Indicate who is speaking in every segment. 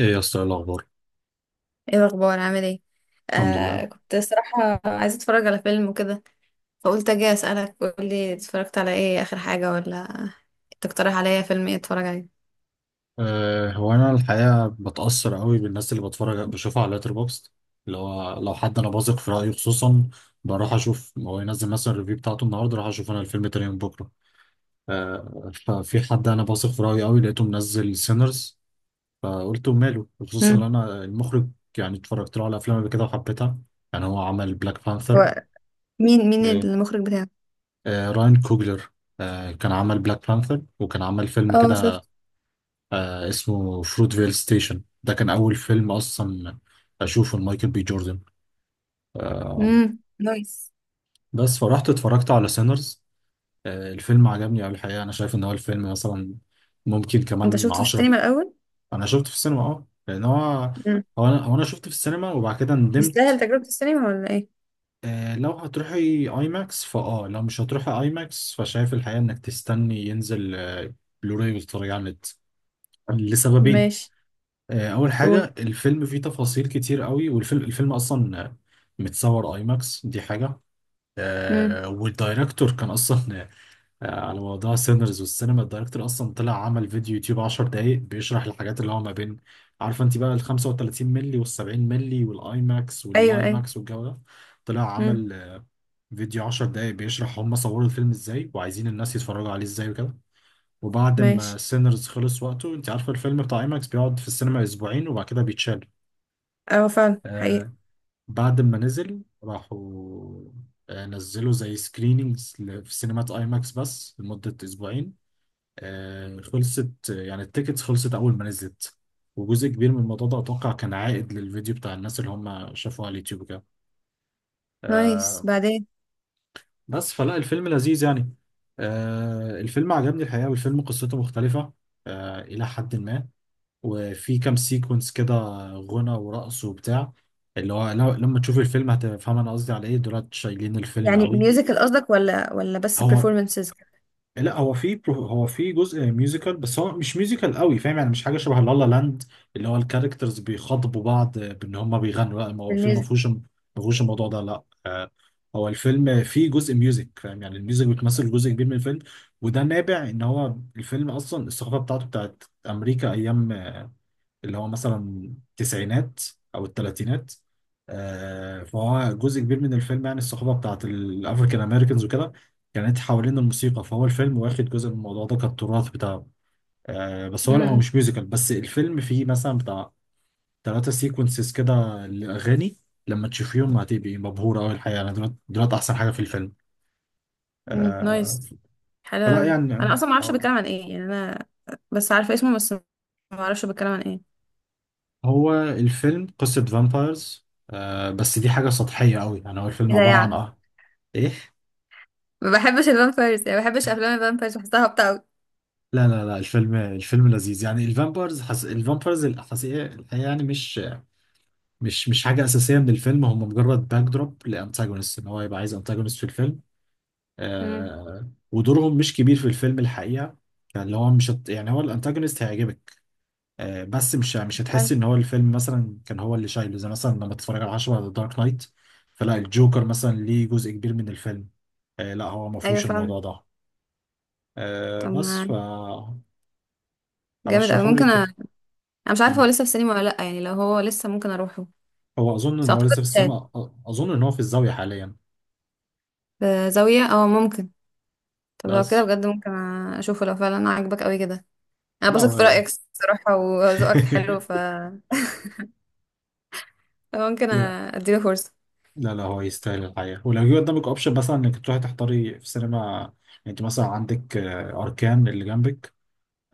Speaker 1: ايه يا اسطى، إيه الاخبار؟
Speaker 2: ايه الاخبار؟ عامل ايه؟
Speaker 1: الحمد لله.
Speaker 2: كنت صراحة عايزة اتفرج على فيلم وكده، فقلت اجي اسألك، قولي اتفرجت على ايه اخر حاجة؟ ولا تقترح عليا فيلم ايه اتفرج عليه؟
Speaker 1: هو انا الحقيقه بتاثر قوي بالناس اللي بتفرج بشوفها على لاتر بوكس، اللي هو لو حد انا بثق في رايه خصوصا، بروح اشوف هو ينزل مثلا الريفيو بتاعته النهارده راح اشوف انا الفيلم تاني يوم بكره. ففي حد انا بثق في رايه قوي لقيته منزل سينرز، فقلت ماله خصوصا ان
Speaker 2: امم.
Speaker 1: انا المخرج يعني اتفرجت له على افلام قبل كده وحبيتها. يعني هو عمل بلاك بانثر.
Speaker 2: هو مين
Speaker 1: أه
Speaker 2: المخرج بتاعه؟
Speaker 1: راين كوجلر. كان عمل بلاك بانثر وكان عمل فيلم
Speaker 2: اه،
Speaker 1: كده
Speaker 2: شفت.
Speaker 1: اسمه فروتفيل ستيشن، ده كان أول فيلم أصلا أشوفه لمايكل بي جوردن. آه
Speaker 2: امم، نايس.
Speaker 1: بس فرحت اتفرجت على سينرز. الفيلم عجبني أوي الحقيقة. أنا شايف إن هو الفيلم مثلا ممكن
Speaker 2: انت
Speaker 1: كمان
Speaker 2: شفته في
Speaker 1: عشرة.
Speaker 2: السينما الاول؟
Speaker 1: أنا شفته في السينما، لأن هو
Speaker 2: امم.
Speaker 1: أنا شفته في السينما وبعد كده
Speaker 2: يستاهل
Speaker 1: ندمت.
Speaker 2: تجربة السينما ولا ايه؟
Speaker 1: لو هتروحي أي ماكس فأه لو مش هتروحي أي ماكس فشايف الحقيقة إنك تستني ينزل بلوراي وتتفرجي على النت، لسببين.
Speaker 2: ماشي.
Speaker 1: اول
Speaker 2: قول.
Speaker 1: حاجه الفيلم فيه تفاصيل كتير قوي، والفيلم اصلا متصور اي ماكس دي حاجه.
Speaker 2: امم.
Speaker 1: والدايركتور كان اصلا على موضوع سينرز والسينما. الدايركتور اصلا طلع عمل فيديو يوتيوب 10 دقايق بيشرح الحاجات اللي هو ما بين، عارفه انت بقى ال 35 مللي وال 70 مللي والاي ماكس
Speaker 2: ايوه،
Speaker 1: والاي
Speaker 2: ايوه.
Speaker 1: ماكس والجو ده. طلع
Speaker 2: امم.
Speaker 1: عمل فيديو 10 دقايق بيشرح هم صوروا الفيلم ازاي وعايزين الناس يتفرجوا عليه ازاي وكده. وبعد
Speaker 2: ماشي.
Speaker 1: ما سينرز خلص وقته، انت عارفه الفيلم بتاع اي ماكس بيقعد في السينما اسبوعين وبعد كده بيتشال.
Speaker 2: اه، فعلا حقيقي.
Speaker 1: آه بعد ما نزل راحوا نزلوا زي سكرينينجز في سينمات اي ماكس بس لمدة اسبوعين. خلصت يعني التيكتس، خلصت اول ما نزلت. وجزء كبير من الموضوع ده اتوقع كان عائد للفيديو بتاع الناس اللي هم شافوه على اليوتيوب كده.
Speaker 2: نايس،
Speaker 1: آه
Speaker 2: بعدين.
Speaker 1: بس فلا الفيلم لذيذ يعني. الفيلم عجبني الحقيقة، والفيلم قصته مختلفة إلى حد ما، وفي كام سيكونس كده غنى ورقص وبتاع اللي هو لما تشوف الفيلم هتفهم انا قصدي على ايه، دولت شايلين الفيلم
Speaker 2: يعني
Speaker 1: قوي.
Speaker 2: ميوزيكال قصدك ولا بس
Speaker 1: هو
Speaker 2: performances؟
Speaker 1: لا، هو في جزء ميوزيكال بس هو مش ميوزيكال قوي، فاهم يعني مش حاجه شبه لالا لاند اللي هو الكاركترز بيخاطبوا بعض بان هم بيغنوا. لا، ما هو الفيلم ما
Speaker 2: بالميوزك؟
Speaker 1: فيهوش ما فيهوش الموضوع ده، لا. هو الفيلم فيه جزء ميوزك، فاهم يعني الميوزك بتمثل جزء كبير من الفيلم. وده نابع ان هو الفيلم اصلا الثقافه بتاعته بتاعت امريكا، ايام اللي هو مثلا التسعينات او الثلاثينات. فهو جزء كبير من الفيلم، يعني الصحبه بتاعت الافريكان امريكانز وكده كانت حوالين الموسيقى، فهو الفيلم واخد جزء من الموضوع ده كالتراث بتاعه. بس هو لا، هو مش ميوزيكال، بس الفيلم فيه مثلا بتاع ثلاثة سيكونسز كده لأغاني لما تشوفيهم هتبقي مبهورة أوي الحقيقة. يعني دولت، دولت أحسن حاجة في الفيلم.
Speaker 2: مم،
Speaker 1: آه،
Speaker 2: نايس. حلو
Speaker 1: فلا
Speaker 2: قوي،
Speaker 1: يعني
Speaker 2: انا اصلا ما اعرفش
Speaker 1: آه،
Speaker 2: بيتكلم عن ايه، يعني انا بس عارفه اسمه بس ما اعرفش بيتكلم عن ايه.
Speaker 1: هو الفيلم قصة فامبايرز، بس دي حاجة سطحية أوي. يعني هو الفيلم
Speaker 2: كده
Speaker 1: عبارة عن
Speaker 2: يعني.
Speaker 1: إيه؟
Speaker 2: ما بحبش الفامبيرز، يعني ما بحبش افلام الفامبيرز، بحسها هابطه قوي.
Speaker 1: لا لا لا، الفيلم لذيذ يعني. الفامبرز الفامبرز الحقيقة يعني مش حاجة أساسية من الفيلم. هم مجرد باك دروب لأنتاجونست، إن هو يبقى عايز أنتاجونست في الفيلم.
Speaker 2: امم.
Speaker 1: ودورهم مش كبير في الفيلم الحقيقة، اللي هو مش هت... يعني هو الأنتاجونست هيعجبك، بس مش
Speaker 2: حلو.
Speaker 1: هتحس إن هو الفيلم مثلا كان هو اللي شايله، زي مثلا لما تتفرج على 10 على دارك نايت فلا الجوكر مثلا ليه جزء كبير من الفيلم. لا، هو ما
Speaker 2: ايوه
Speaker 1: فيهوش
Speaker 2: فعلا.
Speaker 1: الموضوع ده. آه...
Speaker 2: طب
Speaker 1: بس ف
Speaker 2: ما، جامد قوي،
Speaker 1: أرشحهولك
Speaker 2: ممكن
Speaker 1: كده.
Speaker 2: انا مش عارفه هو لسه في السينما ولا لا، يعني لو هو لسه ممكن اروحه.
Speaker 1: هو اظن ان
Speaker 2: بس
Speaker 1: هو لسه
Speaker 2: اعتقد
Speaker 1: في
Speaker 2: شاهد،
Speaker 1: السينما، اظن ان هو في الزاويه حاليا.
Speaker 2: بزاويه، اه ممكن. طب لو كده
Speaker 1: بس
Speaker 2: بجد، ممكن اشوفه لو فعلا عاجبك قوي كده. انا
Speaker 1: لا
Speaker 2: بثق في
Speaker 1: هو
Speaker 2: رايك الصراحه، وذوقك حلو، ف ممكن
Speaker 1: لا
Speaker 2: اديله فرصه.
Speaker 1: لا لا، هو يستاهل الحقيقه، ولو جه قدامك اوبشن مثلا انك تروحي تحضري في سينما، يعني انت مثلا عندك اركان اللي جنبك،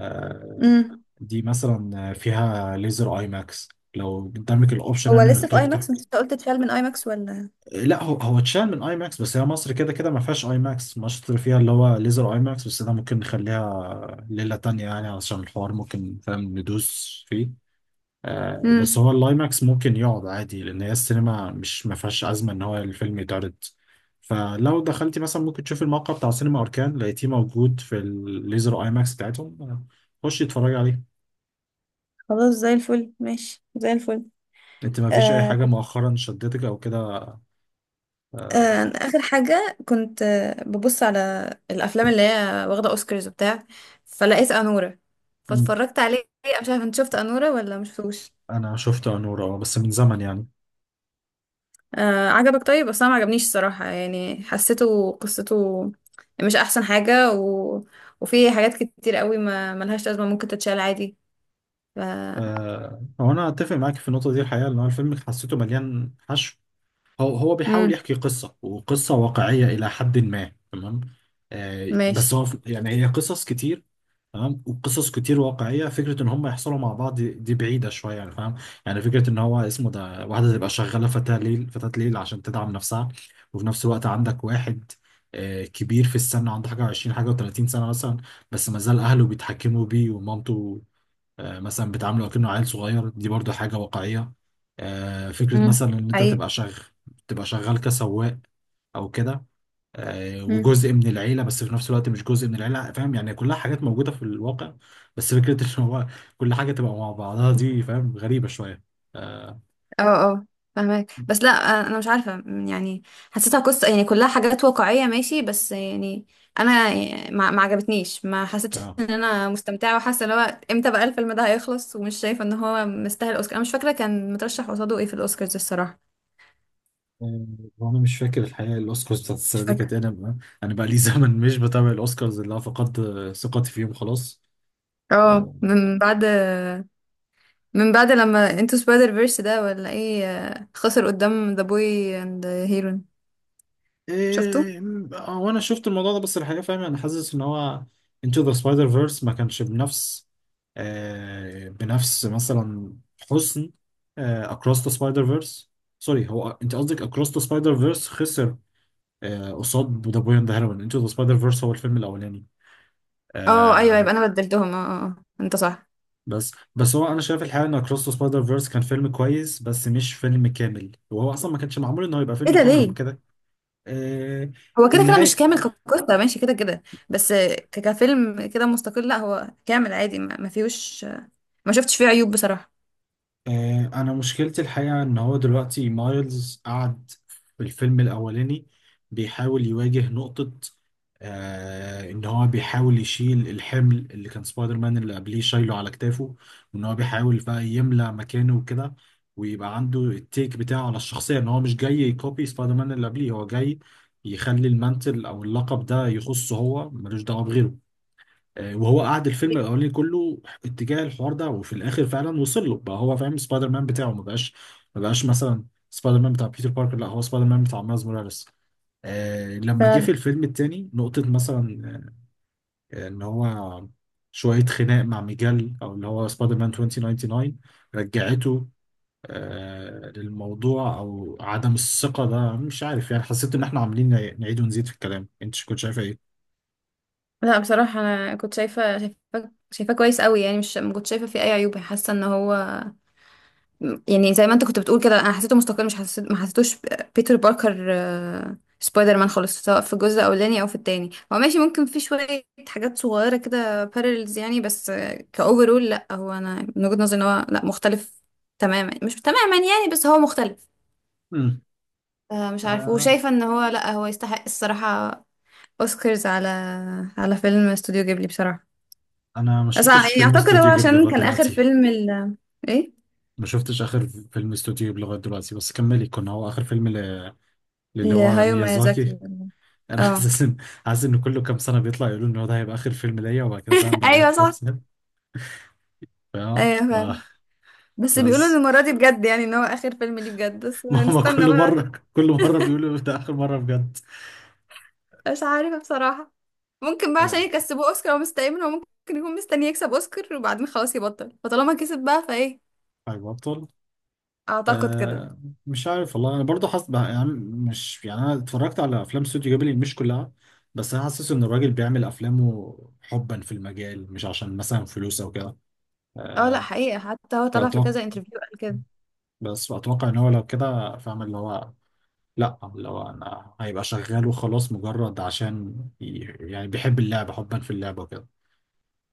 Speaker 1: آه،
Speaker 2: امم.
Speaker 1: دي مثلا فيها ليزر اي ماكس. لو قدامك الاوبشن
Speaker 2: هو
Speaker 1: يعني انك
Speaker 2: لسه في اي ماكس؟ انت لسه قلت اتفعل من اي ماكس ولا؟
Speaker 1: لا هو اتشال من اي ماكس بس هي مصر كده كده ما فيهاش اي ماكس. مصر فيها اللي هو ليزر اي ماكس بس. ده ممكن نخليها ليله تانية يعني، علشان الحوار ممكن فاهم ندوس فيه. بس
Speaker 2: امم.
Speaker 1: هو الايماكس ممكن يقعد عادي لان هي السينما مش ما فيهاش ازمه ان هو الفيلم يتعرض. فلو دخلتي مثلا ممكن تشوفي الموقع بتاع سينما اركان، لقيتيه موجود في الليزر ايماكس بتاعتهم، خشي اتفرجي عليه.
Speaker 2: خلاص زي الفل، ماشي زي الفل.
Speaker 1: انت ما فيش اي
Speaker 2: آه
Speaker 1: حاجه
Speaker 2: كنت
Speaker 1: مؤخرا شدتك او كده؟ آه،
Speaker 2: اخر حاجه كنت ببص على الافلام اللي هي واخده اوسكارز وبتاع، فلقيت انوره،
Speaker 1: مم.
Speaker 2: فاتفرجت عليه. أنا مش عارفه انت شفت انوره ولا ما شفتوش؟
Speaker 1: انا شفته انور، بس من زمن يعني.
Speaker 2: آه، عجبك؟ طيب بس انا ما عجبنيش الصراحه، يعني حسيته قصته مش احسن حاجه، و وفي حاجات كتير قوي ما ملهاش لازمه، ممكن تتشال عادي. ف
Speaker 1: هو انا اتفق معاك في النقطه دي الحقيقه، ان هو الفيلم حسيته مليان حشو. هو بيحاول
Speaker 2: امم،
Speaker 1: يحكي قصة وقصة واقعية إلى حد ما، تمام. بس
Speaker 2: ماشي.
Speaker 1: هو يعني هي قصص كتير، تمام، وقصص كتير واقعية، فكرة إن هم يحصلوا مع بعض دي بعيدة شوية يعني فاهم. يعني فكرة إن هو اسمه ده، واحدة تبقى شغالة فتاة ليل، فتاة ليل عشان تدعم نفسها، وفي نفس الوقت عندك واحد كبير في السن، عنده حاجة وعشرين حاجة وتلاتين سنة مثلا، بس ما زال أهله بيتحكموا بيه ومامته مثلا بتعامله كأنه عيل صغير، دي برضو حاجة واقعية. فكرة
Speaker 2: امم،
Speaker 1: مثلا إن أنت
Speaker 2: حقيقي.
Speaker 1: تبقى شغال كسواق أو كده، وجزء من العيلة بس في نفس الوقت مش جزء من العيلة، فاهم يعني كلها حاجات موجودة في الواقع، بس فكرة إن هو كل حاجة تبقى مع بعضها دي، فاهم، غريبة شوية. آه،
Speaker 2: اه، اه، فاهمك بس لا. آه، انا مش عارفه يعني، حسيتها قصه، يعني كلها حاجات واقعيه، ماشي، بس يعني انا ما عجبتنيش، ما حسيتش
Speaker 1: اه.
Speaker 2: ان انا مستمتعه، وحاسه ان هو امتى بقى الفيلم ده هيخلص، ومش شايفه ان هو مستاهل اوسكار. انا مش فاكره كان مترشح قصاده ايه في الاوسكارز الصراحه.
Speaker 1: آه، وانا مش فاكر الحقيقه الاوسكارز بتاعت
Speaker 2: مش
Speaker 1: السنه دي كانت
Speaker 2: فاكره.
Speaker 1: إيه. انا بقى لي زمن مش بتابع الاوسكارز، اللي انا فقدت ثقتي فيهم خلاص.
Speaker 2: اه،
Speaker 1: آه،
Speaker 2: من بعد، من بعد لما انتو سبايدر فيرس ده ولا ايه، آه، خسر قدام ذا بوي اند هيرون. شفته؟
Speaker 1: إيه. هو انا شفت الموضوع ده بس الحقيقه فاهم انا حاسس ان هو انتو ذا سبايدر فيرس ما كانش بنفس بنفس مثلا حسن اكروس ذا سبايدر فيرس. سوري، هو انت قصدك اكروس ذا سبايدر فيرس خسر قصاد ذا بوي اند هيروين. انتو ذا سبايدر فيرس هو الفيلم الاولاني.
Speaker 2: اه ايوه،
Speaker 1: آه
Speaker 2: يبقى انا بدلتهم. اه اه آه، انت صح.
Speaker 1: بس هو انا شايف الحقيقه ان اكروس ذا سبايدر فيرس كان فيلم كويس بس مش فيلم كامل، وهو اصلا ما كانش معمول ان هو يبقى
Speaker 2: ايه
Speaker 1: فيلم
Speaker 2: ده؟
Speaker 1: كامل، هو
Speaker 2: ليه؟
Speaker 1: كده. آه،
Speaker 2: هو كده كده مش
Speaker 1: النهاية.
Speaker 2: كامل كقصة، ماشي كده كده، بس كفيلم كده مستقل لا هو كامل عادي، ما فيهوش، ما شفتش فيه عيوب بصراحة.
Speaker 1: انا مشكلتي الحقيقه ان هو دلوقتي مايلز قعد في الفيلم الاولاني بيحاول يواجه نقطه ان هو بيحاول يشيل الحمل اللي كان سبايدر مان اللي قبليه شايله على كتافه، وان هو بيحاول بقى يملى مكانه وكده، ويبقى عنده التيك بتاعه على الشخصيه ان هو مش جاي يكوبي سبايدر مان اللي قبليه، هو جاي يخلي المانتل او اللقب ده يخصه هو ملوش دعوه بغيره. وهو قعد الفيلم الاولاني كله اتجاه الحوار ده، وفي الاخر فعلا وصل له بقى، هو فاهم سبايدر مان بتاعه ما بقاش مثلا سبايدر مان بتاع بيتر باركر، لا هو سبايدر مان بتاع مايلز موراليس. لما جه في
Speaker 2: فعلا.
Speaker 1: الفيلم التاني نقطة مثلا ان هو شوية خناق مع ميجال او اللي هو سبايدر مان 2099 رجعته للموضوع او عدم الثقة ده. مش عارف يعني حسيت ان احنا عاملين نعيد ونزيد في الكلام، انت كنت شايفة ايه؟
Speaker 2: لا بصراحة انا كنت شايفة، شايفاه كويس قوي، يعني مش، ما كنت شايفة فيه اي عيوب، حاسة ان هو، يعني زي ما انت كنت بتقول كده، انا حسيته مستقل، مش حسيت ما حسيتوش بيتر باركر، آه، سبايدر مان خالص، سواء في الجزء الاولاني او في التاني. هو ماشي، ممكن في شويه حاجات صغيره كده بارلز يعني، بس كاوفرول لا هو انا من وجهه نظري ان هو لا مختلف تماما، مش تماما يعني، بس هو مختلف. آه، مش عارف،
Speaker 1: امم
Speaker 2: وشايفه ان هو لا، هو يستحق الصراحه اوسكارز على على فيلم استوديو جيبلي بصراحه.
Speaker 1: انا ما
Speaker 2: بس
Speaker 1: شفتش
Speaker 2: يعني
Speaker 1: فيلم
Speaker 2: اعتقد هو
Speaker 1: استوديو جيبلي
Speaker 2: عشان
Speaker 1: لغايه
Speaker 2: كان اخر
Speaker 1: دلوقتي.
Speaker 2: فيلم ايه،
Speaker 1: ما شفتش اخر فيلم استوديو جيبلي لغايه دلوقتي بس كملي، كنا هو اخر فيلم للي هو
Speaker 2: لهايو
Speaker 1: ميازاكي.
Speaker 2: ميازاكي.
Speaker 1: انا
Speaker 2: اه.
Speaker 1: حاسس ان كله كام سنه بيطلع يقولوا ان هو ده هيبقى اخر فيلم ليا، وبعد كده فاهم بعدها
Speaker 2: ايوه
Speaker 1: في كام
Speaker 2: صح.
Speaker 1: سنه، فاهم
Speaker 2: ايوه فعلا. بس بيقولوا ان
Speaker 1: بس.
Speaker 2: المرة دي بجد، يعني ان هو اخر فيلم ليه بجد، بس
Speaker 1: ماما،
Speaker 2: نستنى
Speaker 1: كل
Speaker 2: بقى.
Speaker 1: مره كل مره بيقولوا ده اخر مره بجد.
Speaker 2: مش عارفة بصراحة. ممكن بقى عشان
Speaker 1: آه.
Speaker 2: يكسبوه اوسكار، هو مستني منه، هو ممكن يكون مستني يكسب اوسكار وبعدين خلاص يبطل، فطالما كسب بقى فايه.
Speaker 1: طيب ابطال.
Speaker 2: اعتقد كده.
Speaker 1: آه مش عارف والله، انا برضه يعني مش يعني انا اتفرجت على افلام استوديو جيبلي مش كلها، بس انا حاسس ان الراجل بيعمل افلامه حبا في المجال مش عشان مثلا فلوس او كده.
Speaker 2: اه لا،
Speaker 1: آه
Speaker 2: حقيقة حتى هو طلع في
Speaker 1: فاتوقع
Speaker 2: كذا انترفيو قال كده.
Speaker 1: فاتوقع ان هو لو كده فاهم اللي هو، لا اللي هو انا هيبقى شغال وخلاص مجرد عشان يعني بيحب اللعبه حبا في اللعبه وكده.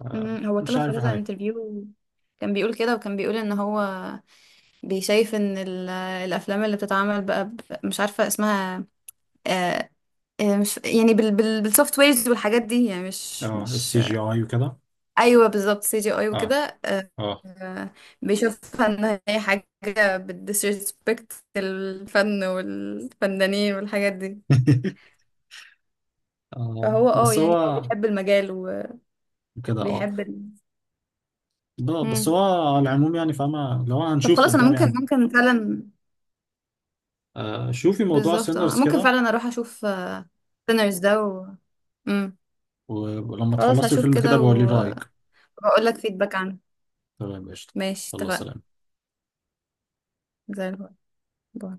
Speaker 2: امم، هو
Speaker 1: مش
Speaker 2: طلع في
Speaker 1: عارف
Speaker 2: كذا
Speaker 1: الحقيقه.
Speaker 2: انترفيو، كان بيقول كده، وكان بيقول ان هو بيشايف ان آه، الافلام اللي بتتعمل بقى مش عارفة اسمها، آه، آه، مش يعني بالسوفت ويرز والحاجات دي، يعني مش
Speaker 1: اه،
Speaker 2: مش
Speaker 1: السي جي اي وكده.
Speaker 2: ايوه بالظبط، سي جي اي
Speaker 1: اه،
Speaker 2: وكده. آه،
Speaker 1: اه.
Speaker 2: آه، بيشوفها ان هي حاجه بتديسريسبكت الفن والفنانين والحاجات دي.
Speaker 1: اه،
Speaker 2: فهو اه
Speaker 1: بس
Speaker 2: يعني هو
Speaker 1: هو
Speaker 2: بيحب المجال
Speaker 1: كده، اه،
Speaker 2: وبيحب ال...
Speaker 1: ده بس
Speaker 2: مم.
Speaker 1: هو. على العموم يعني فاهمة، لو
Speaker 2: طب
Speaker 1: هنشوف
Speaker 2: خلاص انا
Speaker 1: قدام
Speaker 2: ممكن
Speaker 1: يعني.
Speaker 2: ممكن فعلا.
Speaker 1: شوفي موضوع
Speaker 2: بالظبط، اه
Speaker 1: سينرز
Speaker 2: ممكن
Speaker 1: كده.
Speaker 2: فعلا اروح اشوف سينرز ده و... مم.
Speaker 1: ولما
Speaker 2: خلاص،
Speaker 1: تخلصي
Speaker 2: هشوف
Speaker 1: الفيلم كده
Speaker 2: كده،
Speaker 1: بقولي رأيك.
Speaker 2: وهقول لك فيدباك عنه.
Speaker 1: تمام، قشطة.
Speaker 2: ماشي،
Speaker 1: الله،
Speaker 2: اتفقنا.
Speaker 1: سلام.
Speaker 2: زي الفل. باي.